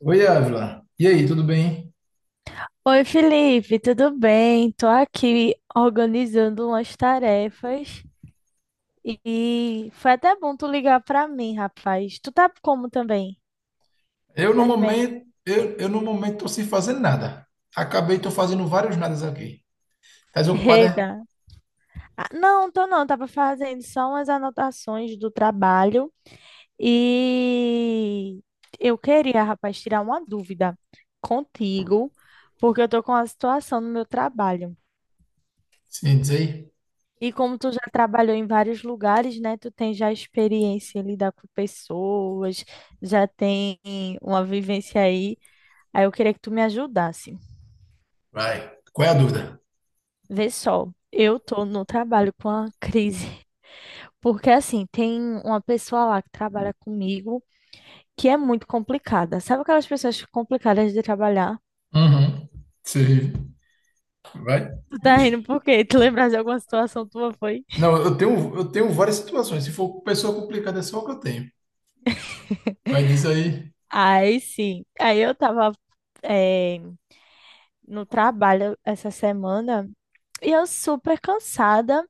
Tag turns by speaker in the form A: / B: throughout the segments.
A: Oi, Ávila. E aí, tudo bem?
B: Oi, Felipe, tudo bem? Tô aqui organizando umas tarefas e foi até bom tu ligar pra mim, rapaz. Tu tá como também?
A: Eu no
B: Tás bem?
A: momento, eu no momento tô sem fazer nada. Acabei, tô fazendo vários nadas aqui. Tá desocupado, é?
B: Eita. Ah, não, tô não, tava fazendo só umas anotações do trabalho e eu queria, rapaz, tirar uma dúvida contigo, porque eu tô com uma situação no meu trabalho.
A: Sim, diz aí.
B: E como tu já trabalhou em vários lugares, né? Tu tem já experiência em lidar com pessoas, já tem uma vivência aí. Aí eu queria que tu me ajudasse.
A: Vai. Qual é a dúvida?
B: Vê só, eu tô no trabalho com a crise, porque assim, tem uma pessoa lá que trabalha comigo que é muito complicada. Sabe aquelas pessoas complicadas de trabalhar?
A: Uhum. Sim. Vai.
B: Tu tá
A: Ixi.
B: rindo por quê? Tu lembras de alguma situação tua, foi?
A: Não, eu tenho várias situações. Se for pessoa complicada, é só o que eu tenho. Vai, diz aí.
B: Aí sim. Aí eu tava, eh, no trabalho essa semana. E eu super cansada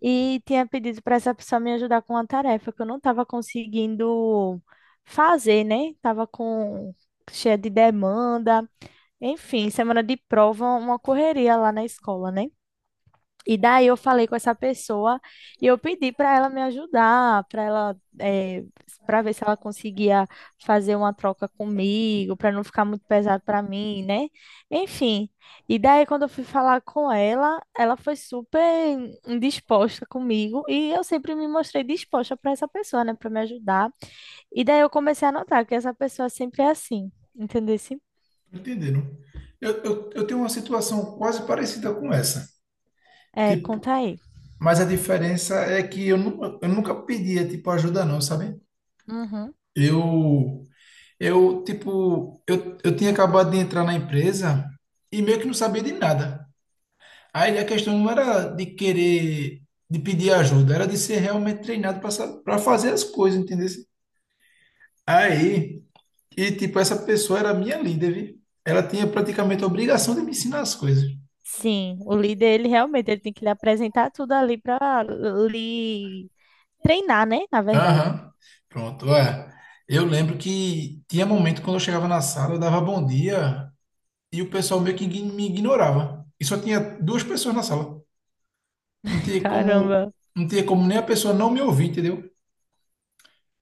B: e tinha pedido para essa pessoa me ajudar com uma tarefa que eu não estava conseguindo fazer, né? Tava com cheia de demanda. Enfim, semana de prova, uma correria lá na escola, né? E daí eu falei com essa pessoa e eu pedi para ela me ajudar, para ela, para ver se ela conseguia fazer uma troca comigo, para não ficar muito pesado para mim, né? Enfim. E daí quando eu fui falar com ela, ela foi super indisposta comigo e eu sempre me mostrei disposta para essa pessoa, né, para me ajudar. E daí eu comecei a notar que essa pessoa sempre é assim, entendeu?
A: Entenderam? Eu tenho uma situação quase parecida com essa.
B: É,
A: Tipo,
B: conta aí.
A: mas a diferença é que eu nunca pedia, tipo, ajuda não, sabe?
B: Uhum.
A: Eu... Eu, tipo, eu tinha acabado de entrar na empresa e meio que não sabia de nada. Aí a questão não era de querer, de pedir ajuda, era de ser realmente treinado para fazer as coisas, entendeu? Aí, e tipo, essa pessoa era minha líder, viu? Ela tinha praticamente a obrigação de me ensinar as coisas.
B: Sim, o líder, ele realmente ele tem que lhe apresentar tudo ali para lhe treinar, né? Na verdade.
A: Aham. Pronto, é. Eu lembro que tinha momento quando eu chegava na sala, eu dava bom dia e o pessoal meio que me ignorava. E só tinha duas pessoas na sala. Não tinha como,
B: Caramba.
A: não tinha como nem a pessoa não me ouvir, entendeu?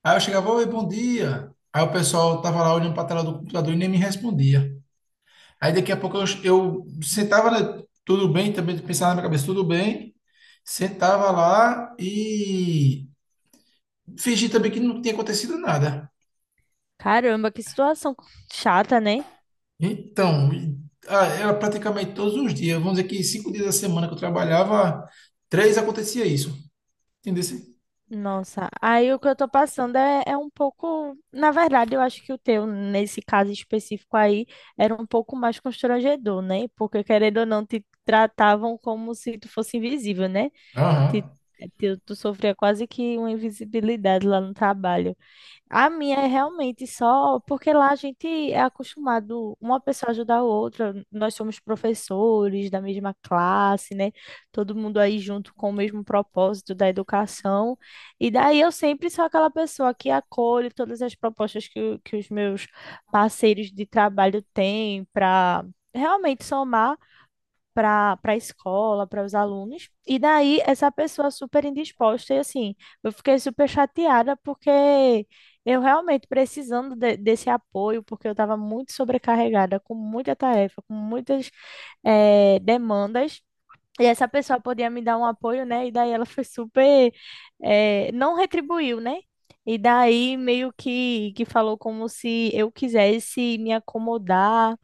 A: Aí eu chegava, oi, bom dia. Aí o pessoal tava lá olhando para a tela do computador e nem me respondia. Aí daqui a pouco eu sentava, né, tudo bem, também pensava na minha cabeça, tudo bem. Sentava lá e fingi também que não tinha acontecido nada.
B: Caramba, que situação chata, né?
A: Então, e- ah, era praticamente todos os dias. Vamos dizer que cinco dias da semana que eu trabalhava, três acontecia isso. Entendeu?
B: Nossa, aí o que eu tô passando é, é um pouco. Na verdade, eu acho que o teu, nesse caso específico aí, era um pouco mais constrangedor, né? Porque, querendo ou não, te tratavam como se tu fosse invisível, né? Te-
A: Aham.
B: tu sofria quase que uma invisibilidade lá no trabalho. A minha é realmente só porque lá a gente é acostumado uma pessoa ajudar a outra. Nós somos professores da mesma classe, né? Todo mundo aí junto com o mesmo propósito da educação. E daí eu sempre sou aquela pessoa que acolhe todas as propostas que, que os meus parceiros de trabalho têm para realmente somar para para a escola, para os alunos. E daí essa pessoa super indisposta e assim, eu fiquei super chateada porque eu realmente precisando desse apoio, porque eu estava muito sobrecarregada, com muita tarefa, com muitas demandas. E essa pessoa podia me dar um apoio, né? E daí ela foi super, não retribuiu, né? E daí meio que falou como se eu quisesse me acomodar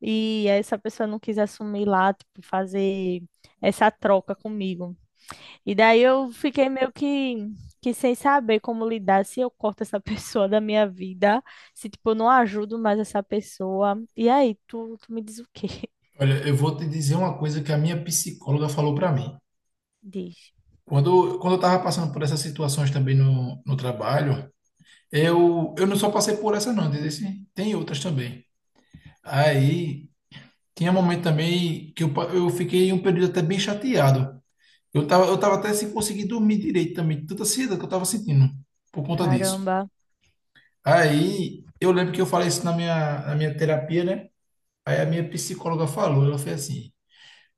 B: e essa pessoa não quis assumir lá, tipo, fazer essa troca comigo. E daí eu fiquei meio que sem saber como lidar, se eu corto essa pessoa da minha vida, se, tipo, eu não ajudo mais essa pessoa. E aí, tu me diz o quê?
A: Olha, eu vou te dizer uma coisa que a minha psicóloga falou para mim.
B: Diz.
A: Quando eu estava passando por essas situações também no trabalho, eu não só passei por essa, não, dizer assim, tem outras também. Aí, tinha momento também que eu fiquei um período até bem chateado. Eu tava até sem conseguir dormir direito também, de tanta ansiedade que eu tava sentindo por conta disso.
B: Caramba,
A: Aí, eu lembro que eu falei isso na minha terapia, né? Aí a minha psicóloga falou, ela fez assim,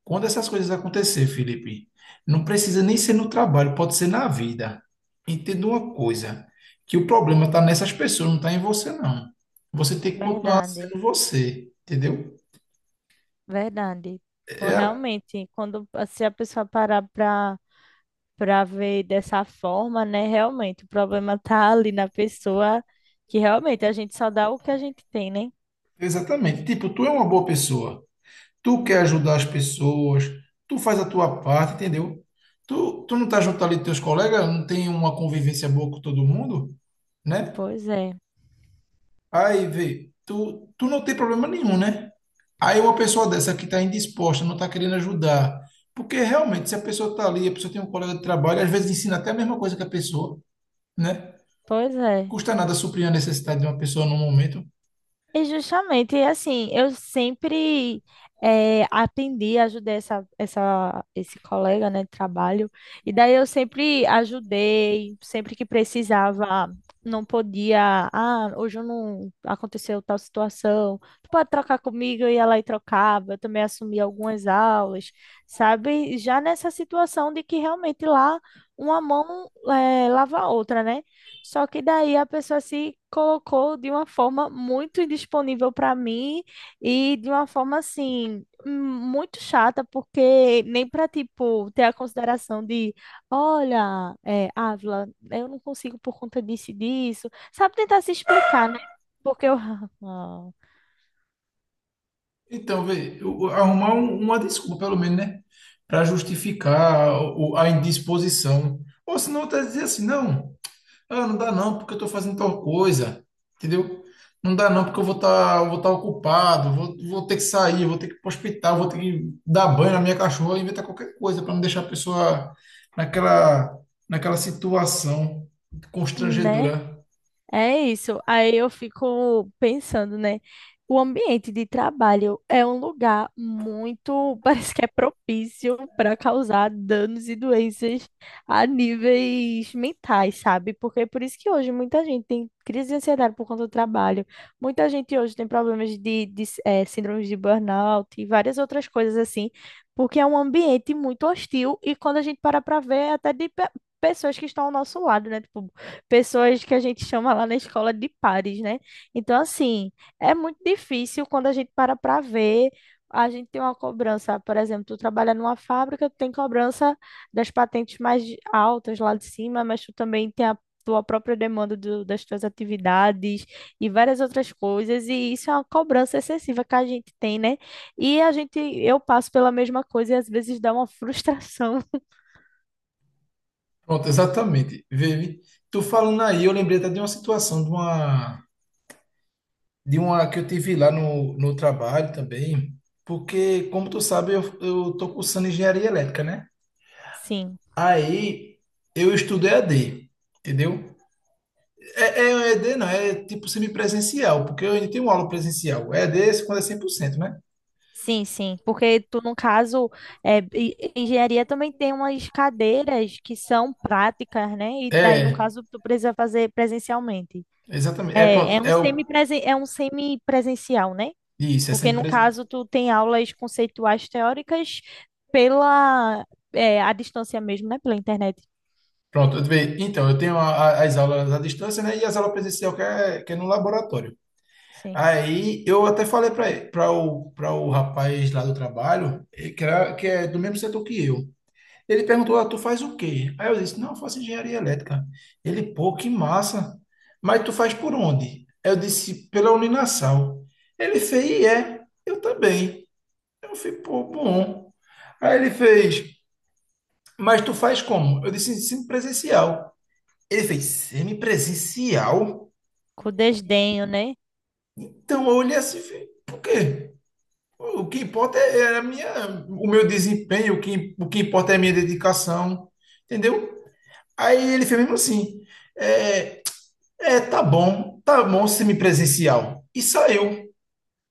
A: quando essas coisas acontecer, Felipe, não precisa nem ser no trabalho, pode ser na vida. Entenda uma coisa, que o problema está nessas pessoas, não está em você, não. Você tem que continuar
B: verdade,
A: sendo você, entendeu?
B: verdade. Pô,
A: É,
B: realmente, quando se a pessoa parar pra, pra ver dessa forma, né? Realmente, o problema tá ali na pessoa, que realmente a gente só dá o que a gente tem, né?
A: exatamente. Tipo, tu é uma boa pessoa, tu quer
B: Uhum.
A: ajudar as pessoas, tu faz a tua parte, entendeu? Tu não tá junto ali dos teus colegas, não tem uma convivência boa com todo mundo, né?
B: Pois é,
A: Aí, vê, tu não tem problema nenhum, né? Aí uma pessoa dessa que está indisposta, não está querendo ajudar. Porque realmente, se a pessoa está ali, a pessoa tem um colega de trabalho, às vezes ensina até a mesma coisa que a pessoa, né?
B: pois é.
A: Custa nada suprir a necessidade de uma pessoa num momento.
B: E justamente, e assim, eu sempre atendi, ajudei esse colega, né, de trabalho, e daí eu sempre ajudei, sempre que precisava, não podia, ah, hoje eu não aconteceu tal situação, tu pode trocar comigo, eu ia lá e trocava, eu também assumi algumas aulas, sabe? Já nessa situação de que realmente lá uma mão lava a outra, né? Só que daí a pessoa se colocou de uma forma muito indisponível para mim e de uma forma assim muito chata, porque nem para tipo ter a consideração de, olha, é, Ávila, eu não consigo por conta disso e disso, sabe tentar se explicar, né? Porque eu,
A: Então, vê, arrumar uma desculpa, pelo menos, né? Para justificar a indisposição. Ou senão, tá dizer assim, não. Ah, não dá não, porque eu estou fazendo tal coisa, entendeu? Não dá não, porque eu vou estar vou tá ocupado, vou ter que sair, vou ter que ir para o hospital, vou ter que dar banho na minha cachorra, inventar qualquer coisa para não deixar a pessoa naquela, naquela situação
B: né?
A: constrangedora.
B: É isso. Aí eu fico pensando, né? O ambiente de trabalho é um lugar muito, parece que é propício para causar danos e doenças a níveis mentais, sabe? Porque é por isso que hoje muita gente tem crise de ansiedade por conta do trabalho. Muita gente hoje tem problemas de síndromes de burnout e várias outras coisas assim, porque é um ambiente muito hostil e quando a gente para para ver, é até de pessoas que estão ao nosso lado, né? Tipo, pessoas que a gente chama lá na escola de pares, né? Então, assim, é muito difícil quando a gente para para ver. A gente tem uma cobrança, por exemplo, tu trabalha numa fábrica, tu tem cobrança das patentes mais altas lá de cima, mas tu também tem a tua própria demanda das tuas atividades e várias outras coisas, e isso é uma cobrança excessiva que a gente tem, né? E a gente, eu passo pela mesma coisa e às vezes dá uma frustração.
A: Pronto, exatamente. Vivi, tu falando aí, eu lembrei até de uma situação, de uma que eu tive lá no trabalho também, porque, como tu sabe, eu tô cursando engenharia elétrica, né?
B: Sim.
A: Aí eu estudo EAD, entendeu? É, é um EAD, não, é tipo semipresencial, porque eu ainda tenho aula presencial. EAD é quando é 100%, né?
B: Sim, sim, porque tu, no caso, é, e- engenharia também tem umas cadeiras que são práticas, né? E daí, no
A: É,
B: caso, tu precisa fazer presencialmente.
A: exatamente. É
B: É,
A: pronto,
B: é um é um semipresencial, né?
A: isso, é
B: Porque, no
A: semipresencial.
B: caso, tu tem aulas conceituais teóricas pela, é, à distância mesmo, né? Pela internet.
A: Pronto, então, eu tenho as aulas à distância, né? E as aulas presencial que é no laboratório.
B: Sim.
A: Aí eu até falei para para o rapaz lá do trabalho, que é do mesmo setor que eu. Ele perguntou, ah, tu faz o quê? Aí eu disse, não, eu faço engenharia elétrica. Ele, pô, que massa. Mas tu faz por onde? Aí eu disse, pela Uninasal. Ele fez, e é, eu também. Eu falei, pô, bom. Aí ele fez, mas tu faz como? Eu disse, semipresencial. Ele fez, semipresencial?
B: Com desdenho, né?
A: Então eu olhei assim, e falei, por quê? O que importa é a minha, o meu desempenho, o que importa é a minha dedicação, entendeu? Aí ele fez mesmo assim, é, é, tá bom semipresencial. E saiu.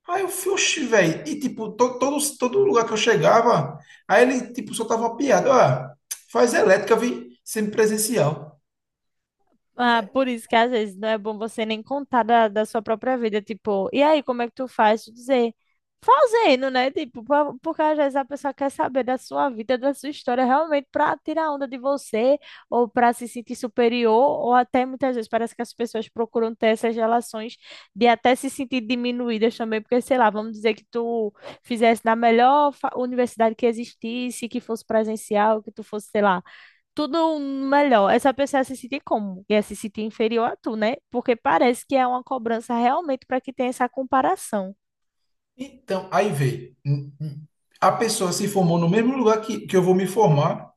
A: Aí eu fui, oxi, velho. E, tipo, todo lugar que eu chegava, aí ele, tipo, soltava uma piada. Ah, faz elétrica, vi, semipresencial.
B: Ah, por isso que às vezes não é bom você nem contar da, da sua própria vida, tipo, e aí, como é que tu faz? Tu dizer, fazendo, né? Tipo, porque às vezes a pessoa quer saber da sua vida, da sua história, realmente para tirar onda de você, ou para se sentir superior, ou até muitas vezes parece que as pessoas procuram ter essas relações de até se sentir diminuídas também, porque, sei lá, vamos dizer que tu fizesse na melhor universidade que existisse, que fosse presencial, que tu fosse, sei lá tudo um melhor. Essa pessoa se sentir como? E é se sentir inferior a tu, né? Porque parece que é uma cobrança realmente para que tenha essa comparação.
A: Então, aí vê, a pessoa se formou no mesmo lugar que eu vou me formar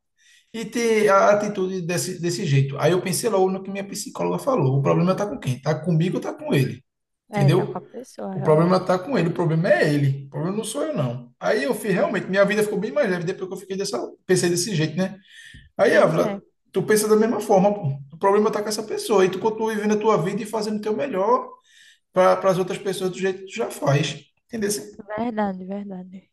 A: e ter a atitude desse jeito. Aí eu pensei logo no que minha psicóloga falou. O problema tá com quem? Tá comigo ou tá com ele?
B: É, tá com a
A: Entendeu?
B: pessoa,
A: O problema
B: realmente.
A: tá com ele, o problema é ele. O problema não sou eu, não. Aí eu fiz, realmente, minha vida ficou bem mais leve depois que eu fiquei dessa, pensei desse jeito, né? Aí,
B: Pois é,
A: Ávila, tu pensa da mesma forma, pô. O problema tá com essa pessoa. E tu continua vivendo a tua vida e fazendo o teu melhor para as outras pessoas do jeito que tu já faz. Entendeu?
B: verdade, verdade.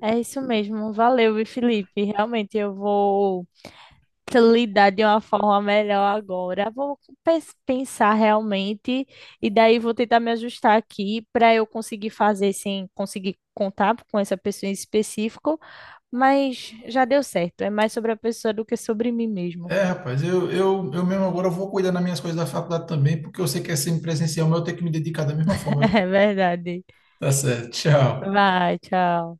B: É isso mesmo. Valeu, viu, Felipe. Realmente eu vou te lidar de uma forma melhor agora. Vou pensar realmente e daí vou tentar me ajustar aqui para eu conseguir fazer sem conseguir contar com essa pessoa em específico. Mas já deu certo. É mais sobre a pessoa do que sobre mim mesmo.
A: É, rapaz, eu mesmo agora vou cuidar das minhas coisas da faculdade também, porque eu sei que é semipresencial, mas eu tenho que me dedicar da mesma forma, viu?
B: É verdade.
A: Tá certo, tchau.
B: Vai, tchau.